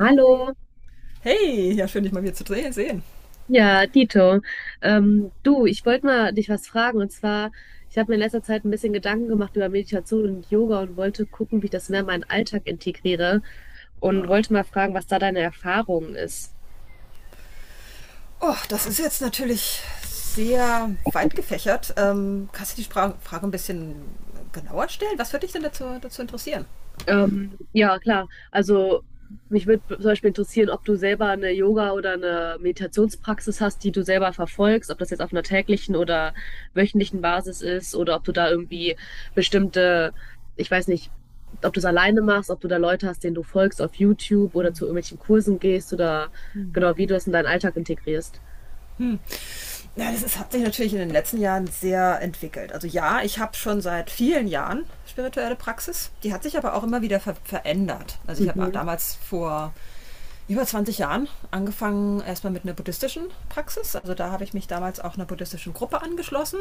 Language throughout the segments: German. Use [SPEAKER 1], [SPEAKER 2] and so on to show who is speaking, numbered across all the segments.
[SPEAKER 1] Hallo,
[SPEAKER 2] Hey, ja, schön, dich mal wieder zu sehen.
[SPEAKER 1] ja, dito. Du, ich wollte mal dich was fragen. Und zwar, ich habe mir in letzter Zeit ein bisschen Gedanken gemacht über Meditation und Yoga und wollte gucken, wie ich das mehr in meinen Alltag integriere und wollte mal fragen, was da deine Erfahrung ist.
[SPEAKER 2] Oh, das ist jetzt natürlich sehr weit gefächert. Kannst du die Frage ein bisschen genauer stellen? Was würde dich denn dazu interessieren?
[SPEAKER 1] Ja, klar. Also mich würde zum Beispiel interessieren, ob du selber eine Yoga- oder eine Meditationspraxis hast, die du selber verfolgst, ob das jetzt auf einer täglichen oder wöchentlichen Basis ist oder ob du da irgendwie bestimmte, ich weiß nicht, ob du es alleine machst, ob du da Leute hast, denen du folgst auf YouTube oder zu irgendwelchen Kursen gehst oder genau, wie du das in deinen Alltag integrierst.
[SPEAKER 2] Hm. Ja, das ist, hat sich natürlich in den letzten Jahren sehr entwickelt. Also ja, ich habe schon seit vielen Jahren spirituelle Praxis. Die hat sich aber auch immer wieder verändert. Also ich habe
[SPEAKER 1] Mhm,
[SPEAKER 2] damals vor über 20 Jahren angefangen erstmal mit einer buddhistischen Praxis. Also da habe ich mich damals auch einer buddhistischen Gruppe angeschlossen.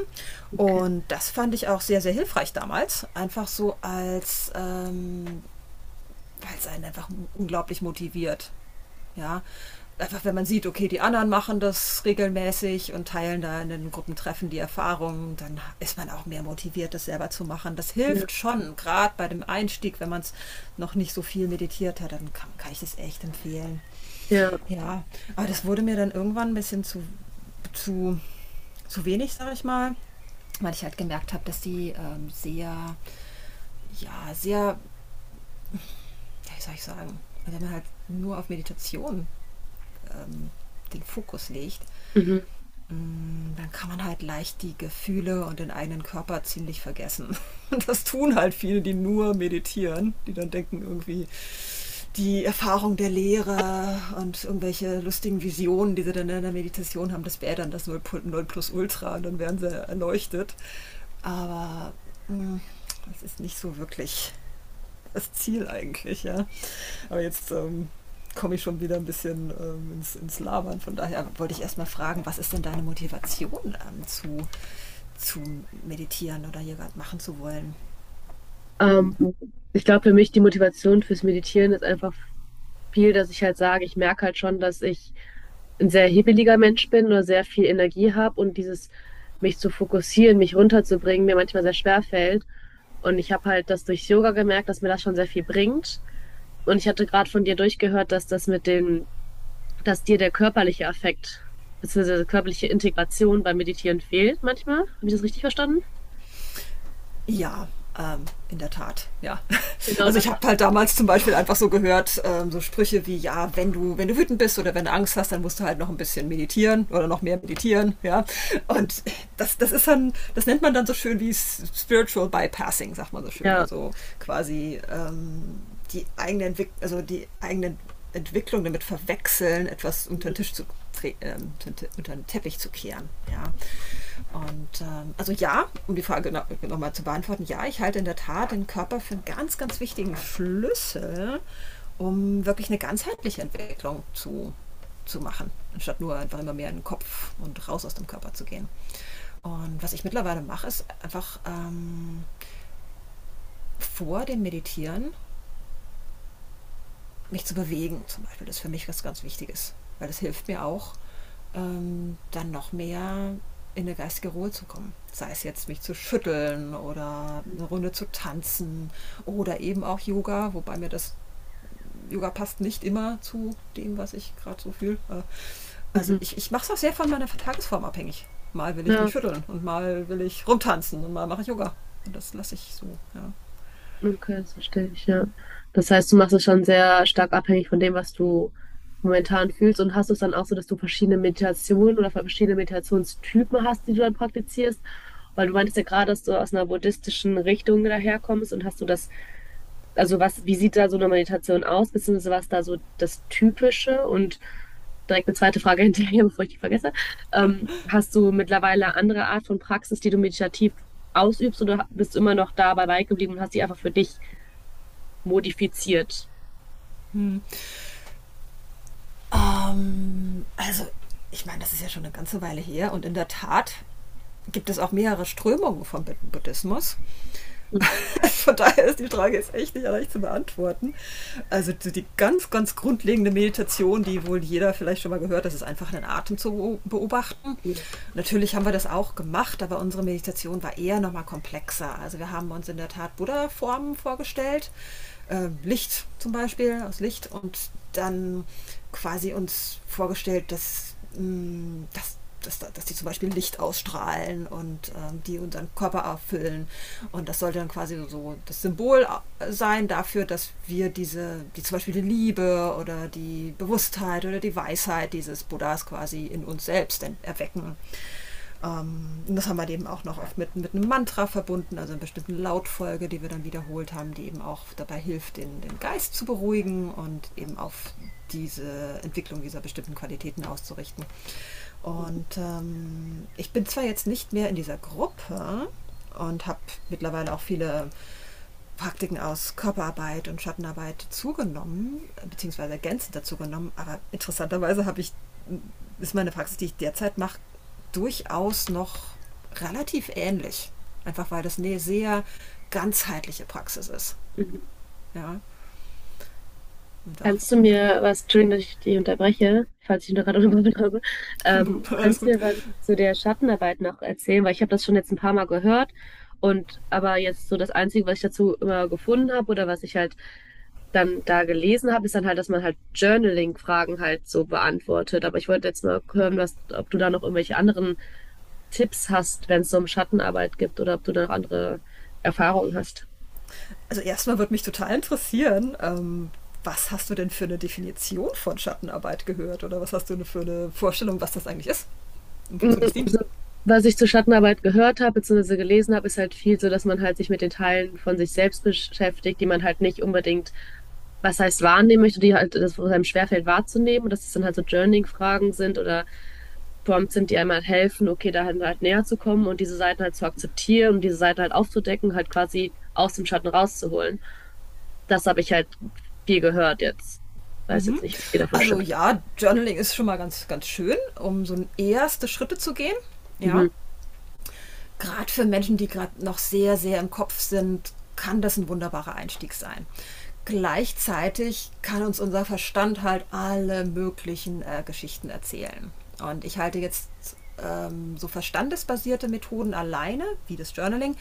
[SPEAKER 1] okay.
[SPEAKER 2] Und das fand ich auch sehr, sehr hilfreich damals. Einfach so als weil es einen einfach unglaublich motiviert. Ja, einfach wenn man sieht, okay, die anderen machen das regelmäßig und teilen da in den Gruppentreffen die Erfahrungen, dann ist man auch mehr motiviert, das selber zu machen. Das
[SPEAKER 1] Ja.
[SPEAKER 2] hilft schon, gerade bei dem Einstieg, wenn man es noch nicht so viel meditiert hat, dann kann ich es echt empfehlen.
[SPEAKER 1] Ja,
[SPEAKER 2] Ja, aber das wurde mir dann irgendwann ein bisschen zu, zu wenig, sage ich mal, weil ich halt gemerkt habe, dass die sehr, ja, sehr ja, wie soll ich sagen, wenn man halt nur auf Meditation ähm, den Fokus legt,
[SPEAKER 1] mhm.
[SPEAKER 2] dann kann man halt leicht die Gefühle und den eigenen Körper ziemlich vergessen. Das tun halt viele, die nur meditieren, die dann denken irgendwie die Erfahrung der Lehre und irgendwelche lustigen Visionen, die sie dann in der Meditation haben, das wäre dann das Null plus Ultra und dann wären sie erleuchtet. Aber mh, das ist nicht so wirklich das Ziel eigentlich, ja. Aber jetzt komme ich schon wieder ein bisschen ins Labern. Von daher wollte ich erstmal fragen, was ist denn deine Motivation zu meditieren oder hier gerade machen zu wollen?
[SPEAKER 1] Ähm, Ich glaube, für mich die Motivation fürs Meditieren ist einfach viel, dass ich halt sage, ich merke halt schon, dass ich ein sehr hibbeliger Mensch bin oder sehr viel Energie habe und dieses mich zu fokussieren, mich runterzubringen, mir manchmal sehr schwer fällt. Und ich habe halt das durch Yoga gemerkt, dass mir das schon sehr viel bringt. Und ich hatte gerade von dir durchgehört, dass das mit dem, dass dir der körperliche Affekt beziehungsweise körperliche Integration beim Meditieren fehlt manchmal. Habe ich das richtig verstanden?
[SPEAKER 2] Ja, ähm, in der Tat, ja.
[SPEAKER 1] Genau
[SPEAKER 2] Also
[SPEAKER 1] das,
[SPEAKER 2] ich habe halt damals zum Beispiel einfach so gehört, so Sprüche wie, ja, wenn du wütend bist oder wenn du Angst hast, dann musst du halt noch ein bisschen meditieren oder noch mehr meditieren, ja. Und das ist dann, das nennt man dann so schön wie Spiritual Bypassing, sagt man so schön.
[SPEAKER 1] ja.
[SPEAKER 2] Also quasi die eigene Entwicklung, also die eigenen Entwicklung damit verwechseln, etwas unter den
[SPEAKER 1] Mhm.
[SPEAKER 2] Tisch zu tre- äh, unter den Teppich zu kehren. Ja. Und also ja, um die Frage noch mal zu beantworten, ja, ich halte in der Tat den Körper für einen ganz, ganz wichtigen Schlüssel, um wirklich eine ganzheitliche Entwicklung zu machen, anstatt nur einfach immer mehr in den Kopf und raus aus dem Körper zu gehen. Und was ich mittlerweile mache, ist einfach vor dem Meditieren mich zu bewegen zum Beispiel, das ist für mich was ganz Wichtiges, weil das hilft mir auch, dann noch mehr in eine geistige Ruhe zu kommen. Sei es jetzt mich zu schütteln oder eine Runde zu tanzen oder eben auch Yoga, wobei mir das Yoga passt nicht immer zu dem, was ich gerade so fühle. Also
[SPEAKER 1] Mhm.
[SPEAKER 2] ich mache es auch sehr von meiner Tagesform abhängig. Mal will ich
[SPEAKER 1] Ja.
[SPEAKER 2] mich schütteln und mal will ich rumtanzen und mal mache ich Yoga. Und das lasse ich so. Ja.
[SPEAKER 1] Okay, das verstehe ich, ja. Das heißt, du machst es schon sehr stark abhängig von dem, was du momentan fühlst und hast es dann auch so, dass du verschiedene Meditationen oder verschiedene Meditationstypen hast, die du dann praktizierst. Weil du meintest ja gerade, dass du aus einer buddhistischen Richtung daherkommst und hast du das, also was, wie sieht da so eine Meditation aus, beziehungsweise was da so das Typische und direkt eine zweite Frage hinterher, bevor ich die vergesse. Hast du mittlerweile andere Art von Praxis, die du meditativ ausübst oder bist du immer noch dabei beigeblieben und hast die einfach für dich modifiziert.
[SPEAKER 2] Hm. Ähm, also, ich meine, das ist ja schon eine ganze Weile her und in der Tat gibt es auch mehrere Strömungen vom Buddhismus.
[SPEAKER 1] Ja,
[SPEAKER 2] Von daher ist die Frage jetzt echt nicht leicht zu beantworten. Also so die ganz, ganz grundlegende Meditation, die wohl jeder vielleicht schon mal gehört, das ist einfach den Atem zu beobachten.
[SPEAKER 1] ja.
[SPEAKER 2] Natürlich haben wir das auch gemacht, aber unsere Meditation war eher nochmal komplexer. Also wir haben uns in der Tat Buddha-Formen vorgestellt Licht zum Beispiel, aus Licht und dann quasi uns vorgestellt, dass, mh, dass, dass, dass die zum Beispiel Licht ausstrahlen und die unseren Körper erfüllen. Und das sollte dann quasi so das Symbol sein dafür, dass wir diese, die zum Beispiel die Liebe oder die Bewusstheit oder die Weisheit dieses Buddhas quasi in uns selbst erwecken. Und das haben wir eben auch noch oft mit einem Mantra verbunden, also einer bestimmten Lautfolge, die wir dann wiederholt haben, die eben auch dabei hilft, den Geist zu beruhigen und eben auf diese Entwicklung dieser bestimmten Qualitäten auszurichten.
[SPEAKER 1] Mhm.
[SPEAKER 2] Und ich bin zwar jetzt nicht mehr in dieser Gruppe und habe mittlerweile auch viele Praktiken aus Körperarbeit und Schattenarbeit zugenommen, beziehungsweise ergänzend dazu genommen. Aber interessanterweise ist meine Praxis, die ich derzeit mache, durchaus noch relativ ähnlich. Einfach weil das eine sehr ganzheitliche Praxis ist. Ja, und auch,
[SPEAKER 1] Kannst du
[SPEAKER 2] ja.
[SPEAKER 1] mir was, Entschuldigung, dass ich dich unterbreche, falls ich noch gerade
[SPEAKER 2] Hm?
[SPEAKER 1] unterbrochen habe,
[SPEAKER 2] Alles
[SPEAKER 1] kannst du
[SPEAKER 2] gut.
[SPEAKER 1] mir was zu der Schattenarbeit noch erzählen? Weil ich habe das schon jetzt ein paar Mal gehört und aber jetzt so das Einzige, was ich dazu immer gefunden habe oder was ich halt dann da gelesen habe, ist dann halt, dass man halt Journaling-Fragen halt so beantwortet. Aber ich wollte jetzt mal hören, was, ob du da noch irgendwelche anderen Tipps hast, wenn es so um Schattenarbeit gibt oder ob du da noch andere Erfahrungen hast.
[SPEAKER 2] Also erstmal würde mich total interessieren, was hast du denn für eine Definition von Schattenarbeit gehört oder was hast du für eine Vorstellung, was das eigentlich ist und
[SPEAKER 1] Mm,
[SPEAKER 2] wozu das dient?
[SPEAKER 1] also, was ich zur Schattenarbeit gehört habe, beziehungsweise gelesen habe, ist halt viel so, dass man halt sich mit den Teilen von sich selbst beschäftigt, die man halt nicht unbedingt, was heißt wahrnehmen möchte, die halt, das wo es einem schwerfällt wahrzunehmen und dass es dann halt so Journaling-Fragen sind oder Prompts sind, die einem halt helfen, okay, da halt näher zu kommen und diese Seiten halt zu akzeptieren und diese Seiten halt aufzudecken, halt quasi aus dem Schatten rauszuholen. Das habe ich halt viel gehört jetzt. Weiß jetzt
[SPEAKER 2] Mhm.
[SPEAKER 1] nicht, wie viel davon
[SPEAKER 2] Also
[SPEAKER 1] stimmt.
[SPEAKER 2] ja, Journaling ist schon mal ganz, ganz schön, um so erste Schritte zu gehen. Ja,
[SPEAKER 1] Mhm.
[SPEAKER 2] gerade für Menschen, die gerade noch sehr, sehr im Kopf sind, kann das ein wunderbarer Einstieg sein. Gleichzeitig kann uns unser Verstand halt alle möglichen Geschichten erzählen. Und ich halte jetzt so verstandesbasierte Methoden alleine, wie das Journaling,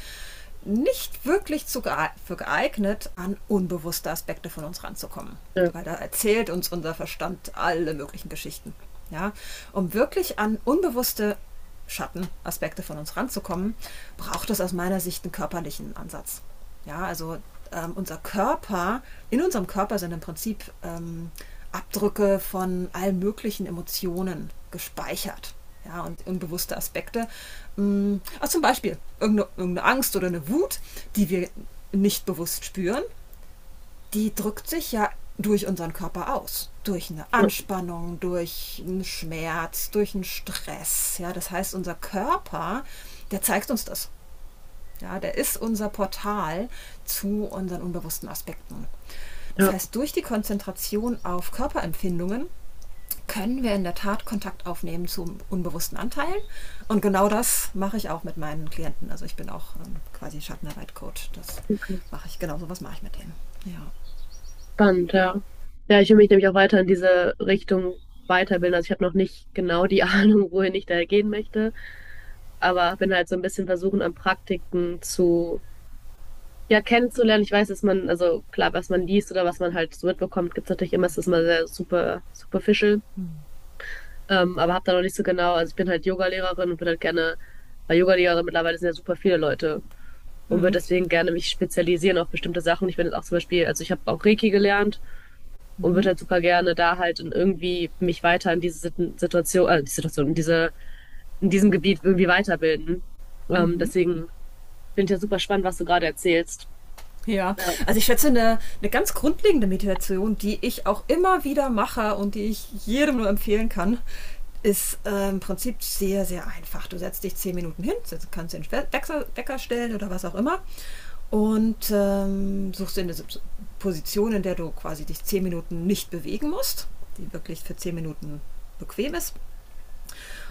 [SPEAKER 2] nicht wirklich zu gee für geeignet, an unbewusste Aspekte von uns ranzukommen.
[SPEAKER 1] Ja,
[SPEAKER 2] Weil da erzählt uns unser Verstand alle möglichen Geschichten. Ja? Um wirklich an unbewusste Schattenaspekte von uns ranzukommen, braucht es aus meiner Sicht einen körperlichen Ansatz. Ja, also ähm, unser Körper, in unserem Körper sind im Prinzip Abdrücke von allen möglichen Emotionen gespeichert. Ja, und unbewusste Aspekte. Also zum Beispiel irgendeine Angst oder eine Wut, die wir nicht bewusst spüren, die drückt sich ja durch unseren Körper aus. Durch eine
[SPEAKER 1] ja,
[SPEAKER 2] Anspannung, durch einen Schmerz, durch einen Stress. Ja, das heißt, der zeigt uns das. Ja, der ist unser Portal zu unseren unbewussten Aspekten. Das
[SPEAKER 1] ja.
[SPEAKER 2] heißt, durch die Konzentration auf Körperempfindungen können wir in der Tat Kontakt aufnehmen zu unbewussten Anteilen. Und genau das mache ich auch mit meinen Klienten. Also ich bin auch quasi Schattenarbeit-Coach. Das mache ich, genau so was mache ich mit denen. Ja.
[SPEAKER 1] Spannend, ja. Ja, ich will mich nämlich auch weiter in diese Richtung weiterbilden. Also ich habe noch nicht genau die Ahnung, wohin ich da gehen möchte, aber bin halt so ein bisschen versuchen, an Praktiken zu, ja, kennenzulernen. Ich weiß, dass man, also klar, was man liest oder was man halt so mitbekommt, gibt es natürlich immer, es ist immer sehr super, superficial. Aber habe da noch nicht so genau, also ich bin halt Yogalehrerin und würde halt gerne, weil Yogalehrerin mittlerweile sind ja super viele Leute und würde deswegen gerne mich spezialisieren auf bestimmte Sachen. Ich bin jetzt auch zum Beispiel, also ich habe auch Reiki gelernt und würde halt super gerne da halt in irgendwie mich weiter in diese Situation, die Situation, in diese, in diesem Gebiet irgendwie weiterbilden. Deswegen finde ich ja super spannend, was du gerade erzählst.
[SPEAKER 2] Ja,
[SPEAKER 1] Ja,
[SPEAKER 2] also ich schätze, eine ganz grundlegende Meditation, die ich auch immer wieder mache und die ich jedem nur empfehlen kann, ist im Prinzip sehr, sehr einfach. Du setzt dich 10 Minuten hin, kannst den Wecker stellen oder was auch immer und suchst dir eine Position, in der du quasi dich 10 Minuten nicht bewegen musst, die wirklich für 10 Minuten bequem ist.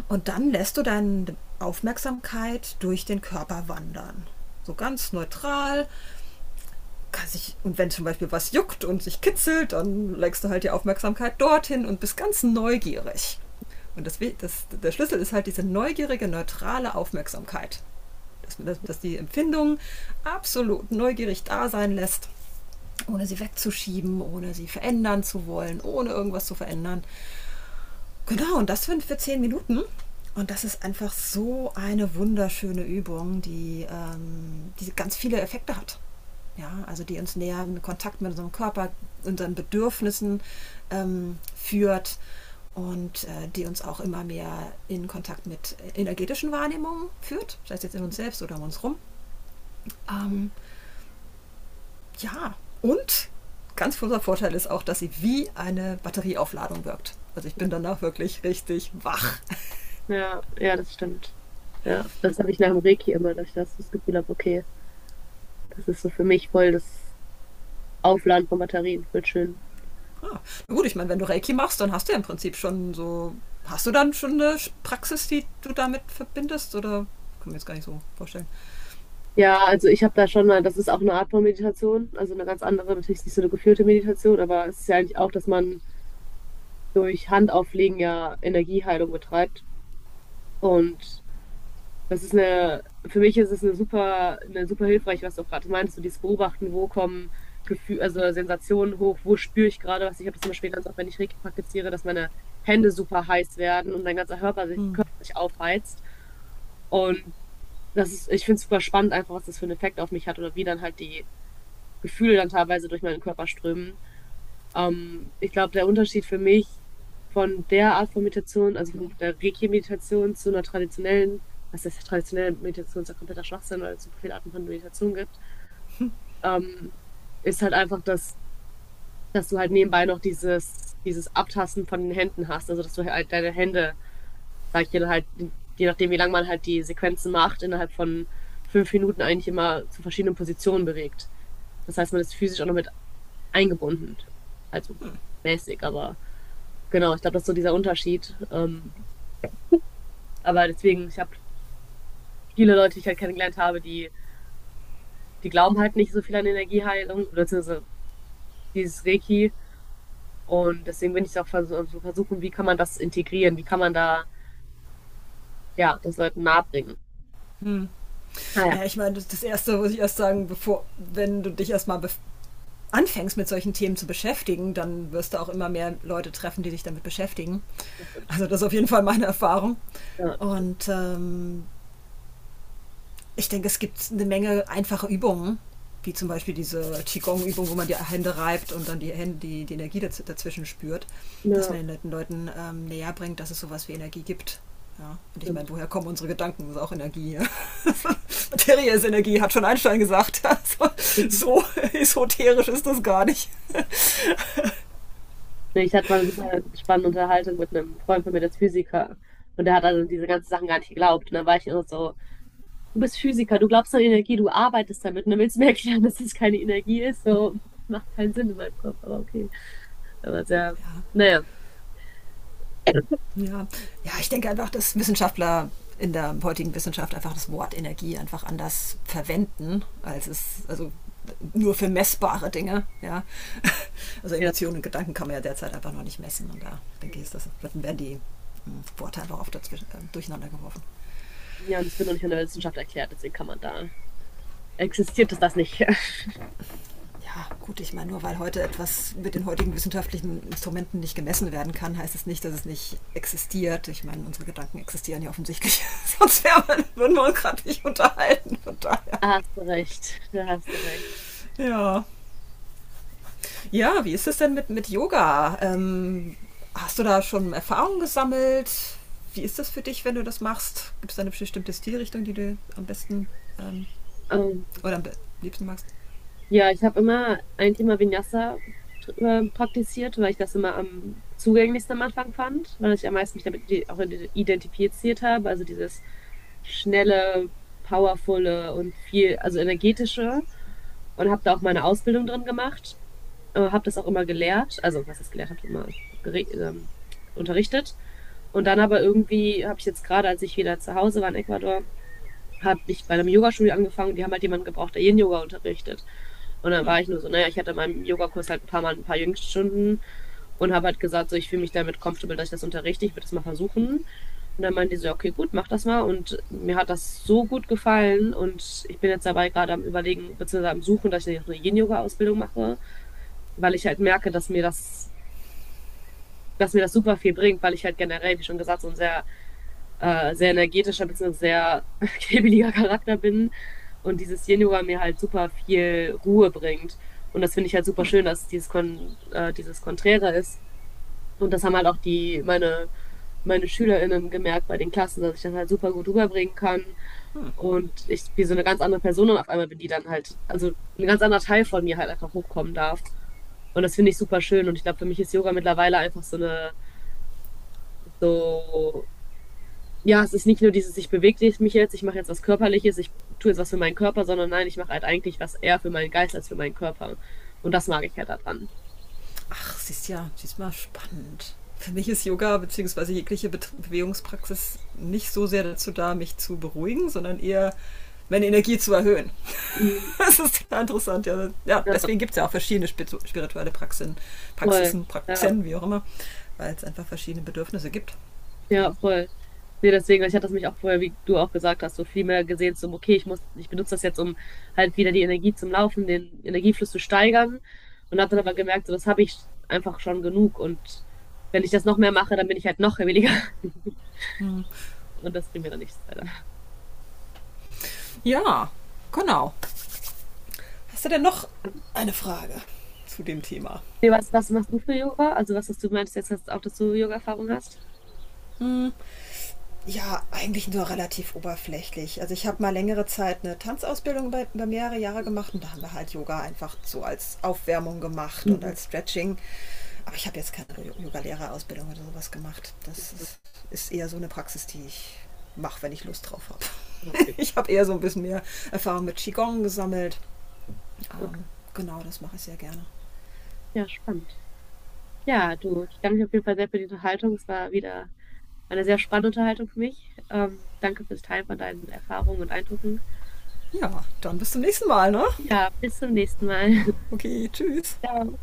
[SPEAKER 2] Und dann lässt du deine Aufmerksamkeit durch den Körper wandern. So ganz neutral kann sich, und wenn zum Beispiel was juckt und sich kitzelt, dann legst du halt die Aufmerksamkeit dorthin und bist ganz neugierig. Und der Schlüssel ist halt diese neugierige, neutrale Aufmerksamkeit. Dass die Empfindung absolut neugierig da sein lässt, ohne sie wegzuschieben, ohne sie verändern zu wollen, ohne irgendwas zu verändern. Genau, und das sind für 10 Minuten. Und das ist einfach so eine wunderschöne Übung, die ganz viele Effekte hat. Ja, also die uns näher in Kontakt mit unserem Körper, unseren Bedürfnissen führt und die uns auch immer mehr in Kontakt mit energetischen Wahrnehmungen führt, sei es jetzt in uns selbst oder um uns rum. Ähm, ja, und ganz großer Vorteil ist auch, dass sie wie eine Batterieaufladung wirkt. Also ich
[SPEAKER 1] ja,
[SPEAKER 2] bin danach wirklich richtig wach.
[SPEAKER 1] ja, ja, das stimmt. Ja, das habe ich nach dem Reiki immer, dass ich das, das Gefühl habe, okay, das ist so für mich voll das Aufladen von Batterien, voll schön.
[SPEAKER 2] Ah, na gut, ich meine, wenn du Reiki machst, dann hast du ja im Prinzip schon so. Hast du dann schon eine Praxis, die du damit verbindest? Oder kann mir jetzt gar nicht so vorstellen.
[SPEAKER 1] Ja, also ich habe da schon mal, das ist auch eine Art von Meditation, also eine ganz andere, natürlich nicht so eine geführte Meditation, aber es ist ja eigentlich auch, dass man durch Handauflegen ja Energieheilung betreibt. Und das ist eine, für mich ist es eine super hilfreich, was du auch gerade meinst, so dieses Beobachten, wo kommen Gefühl, also Sensationen hoch, wo spüre ich gerade was. Ich habe das zum Beispiel ganz oft, wenn ich Reiki praktiziere, dass meine Hände super heiß werden und mein ganzer
[SPEAKER 2] Hm.
[SPEAKER 1] Körper sich aufheizt. Und das ist, ich finde es super spannend, einfach was das für einen Effekt auf mich hat oder wie dann halt die Gefühle dann teilweise durch meinen Körper strömen. Ich glaube, der Unterschied für mich von der Art von Meditation, also von der Reiki-Meditation zu einer traditionellen, was heißt traditionelle Meditation, ist ja kompletter Schwachsinn, weil es super viele Arten von Meditation gibt, ähm, ist halt einfach, dass, dass du halt nebenbei noch dieses Abtasten von den Händen hast, also dass du halt deine Hände sag ich dir halt, je nachdem, wie lange man halt die Sequenzen macht, innerhalb von 5 Minuten eigentlich immer zu verschiedenen Positionen bewegt. Das heißt, man ist physisch auch noch mit eingebunden. Also mäßig, aber genau, ich glaube, das ist so dieser Unterschied. Aber deswegen, ich habe viele Leute, die ich halt kennengelernt habe, die glauben halt nicht so viel an Energieheilung, beziehungsweise dieses Reiki. Und deswegen bin ich auch vers so versuchen, wie kann man das integrieren, wie kann man da, ja, das Leuten nahebringen.
[SPEAKER 2] Hm.
[SPEAKER 1] Ah ja,
[SPEAKER 2] Naja, ich meine, das Erste muss ich erst sagen, wenn du dich erstmal anfängst mit solchen Themen zu beschäftigen, dann wirst du auch immer mehr Leute treffen, die sich damit beschäftigen.
[SPEAKER 1] das stimmt.
[SPEAKER 2] Also das ist auf jeden Fall meine Erfahrung.
[SPEAKER 1] Ja, das stimmt.
[SPEAKER 2] Und ich denke, es gibt eine Menge einfache Übungen, wie zum Beispiel diese Qigong-Übung, wo man die Hände reibt und dann die Hände, die Energie dazwischen spürt, dass
[SPEAKER 1] Ja,
[SPEAKER 2] man den Leuten näher bringt, dass es sowas wie Energie gibt. Ja, und ich meine, woher kommen unsere Gedanken? Das ist auch Energie. Ja. Materie ist Energie, hat schon Einstein gesagt. Also,
[SPEAKER 1] stimmt.
[SPEAKER 2] so esoterisch ist das gar nicht.
[SPEAKER 1] Ne, ich hatte mal eine super spannende Unterhaltung mit einem Freund von mir, der ist Physiker. Und der hat an diese ganzen Sachen gar nicht geglaubt. Und dann war ich immer so, du bist Physiker, du glaubst an Energie, du arbeitest damit. Und dann willst du mir erklären, dass das keine Energie ist. So, macht keinen Sinn in meinem Kopf, aber okay. Aber sehr, naja.
[SPEAKER 2] Ja. Ja, ich denke einfach, dass Wissenschaftler in der heutigen Wissenschaft einfach das Wort Energie einfach anders verwenden, als es, also nur für messbare Dinge, ja. Also
[SPEAKER 1] Ja, das
[SPEAKER 2] Emotionen
[SPEAKER 1] stimmt.
[SPEAKER 2] und Gedanken kann man ja derzeit einfach noch nicht messen und da denke ich, ist das, werden die Worte einfach oft dazwischen, durcheinander geworfen.
[SPEAKER 1] Ja, und es wird noch nicht von der Wissenschaft erklärt, deswegen kann man da. Existiert es das nicht?
[SPEAKER 2] Ja, gut, ich meine, nur weil heute etwas mit den heutigen wissenschaftlichen Instrumenten nicht gemessen werden kann, heißt es nicht, dass es nicht existiert. Ich meine, unsere Gedanken existieren ja offensichtlich, würden wir uns gerade nicht unterhalten, von daher.
[SPEAKER 1] Da hast du recht, da hast du recht.
[SPEAKER 2] Ja. Ja, wie ist es denn mit Yoga? Hast du da schon Erfahrungen gesammelt? Wie ist das für dich, wenn du das machst? Gibt es da eine bestimmte Stilrichtung, die du am besten ähm,
[SPEAKER 1] Ähm,
[SPEAKER 2] oder am liebsten magst?
[SPEAKER 1] Ja, ich habe immer ein Thema Vinyasa praktiziert, weil ich das immer am zugänglichsten am Anfang fand, weil ich am meisten mich damit auch identifiziert habe. Also dieses schnelle, powervolle und viel, also energetische. Und habe da auch meine Ausbildung drin gemacht. Habe das auch immer gelehrt. Also, was ich gelehrt habe, immer gere- ähm, unterrichtet. Und dann aber irgendwie habe ich jetzt gerade, als ich wieder zu Hause war in Ecuador, habe ich bei einem Yogastudio angefangen und die haben halt jemanden gebraucht, der Yin-Yoga unterrichtet. Und dann war ich nur so, naja, ich hatte in meinem Yogakurs halt ein paar Mal ein paar Jüngststunden und habe halt gesagt, so, ich fühle mich damit comfortable, dass ich das unterrichte, ich würde das mal versuchen. Und dann meinte die so, ja, okay, gut, mach das mal. Und mir hat das so gut gefallen und ich bin jetzt dabei gerade am Überlegen, beziehungsweise am Suchen, dass ich eine Yin-Yoga-Ausbildung mache, weil ich halt merke, dass mir das super viel bringt, weil ich halt generell, wie schon gesagt, so ein sehr sehr energetischer bzw. sehr kribbeliger Charakter bin und dieses Yin-Yoga mir halt super viel Ruhe bringt. Und das finde ich halt super
[SPEAKER 2] Hm,
[SPEAKER 1] schön, dass dieses, Kon dieses Konträre ist. Und das haben halt auch meine, meine SchülerInnen gemerkt bei den Klassen, dass ich das halt super gut rüberbringen kann.
[SPEAKER 2] hm.
[SPEAKER 1] Und ich wie so eine ganz andere Person auf einmal bin, die dann halt, also ein ganz anderer Teil von mir halt einfach hochkommen darf. Und das finde ich super schön. Und ich glaube, für mich ist Yoga mittlerweile einfach so eine, so ja, es ist nicht nur dieses, ich bewege mich jetzt, ich mache jetzt was Körperliches, ich tue jetzt was für meinen Körper, sondern nein, ich mache halt eigentlich was eher für meinen Geist als für meinen Körper. Und das mag ich halt daran.
[SPEAKER 2] Ach, siehst ja, siehst mal spannend. Für mich ist Yoga bzw. jegliche Bewegungspraxis nicht so sehr dazu da, mich zu beruhigen, sondern eher meine Energie zu erhöhen.
[SPEAKER 1] Mhm.
[SPEAKER 2] Das ist total interessant, ja. Ja,
[SPEAKER 1] Ja,
[SPEAKER 2] deswegen gibt es ja auch verschiedene spirituelle
[SPEAKER 1] voll. Ja,
[SPEAKER 2] Praxen, wie auch immer, weil es einfach verschiedene Bedürfnisse gibt.
[SPEAKER 1] ja,
[SPEAKER 2] Ja.
[SPEAKER 1] voll. Nee, deswegen, ich hatte das mich auch vorher, wie du auch gesagt hast, so viel mehr gesehen, so, okay, ich muss, ich benutze das jetzt, um halt wieder die Energie zum Laufen, den Energiefluss zu steigern. Und habe dann aber gemerkt, so, das habe ich einfach schon genug. Und wenn ich das noch mehr mache, dann bin ich halt noch williger. Und das bringt mir dann nichts, leider.
[SPEAKER 2] Ja, genau. Hast du denn noch eine Frage zu dem Thema?
[SPEAKER 1] Nee, was, was machst du für Yoga? Also was hast du meinst jetzt hast auch, dass du Yoga-Erfahrung hast?
[SPEAKER 2] Mhm. Ja, eigentlich nur relativ oberflächlich. Also ich habe mal längere Zeit eine Tanzausbildung über mehrere Jahre gemacht und da haben wir halt Yoga einfach so als Aufwärmung gemacht und
[SPEAKER 1] Mhm.
[SPEAKER 2] als Stretching. Aber ich habe jetzt keine Yoga-Lehrerausbildung oder sowas gemacht. Ist eher so eine Praxis, die ich mache, wenn ich Lust drauf habe.
[SPEAKER 1] Ja, okay.
[SPEAKER 2] Ich habe eher so ein bisschen mehr Erfahrung mit Qigong gesammelt.
[SPEAKER 1] Okay.
[SPEAKER 2] Ähm, genau, das mache ich sehr gerne.
[SPEAKER 1] Ja, spannend. Ja, du, ich danke dir auf jeden Fall sehr für die Unterhaltung. Es war wieder eine sehr spannende Unterhaltung für mich. Danke fürs Teilen von deinen Erfahrungen und Eindrücken.
[SPEAKER 2] Ja, dann bis zum nächsten Mal, ne?
[SPEAKER 1] Ja, bis zum nächsten Mal.
[SPEAKER 2] Okay, tschüss.
[SPEAKER 1] Ciao.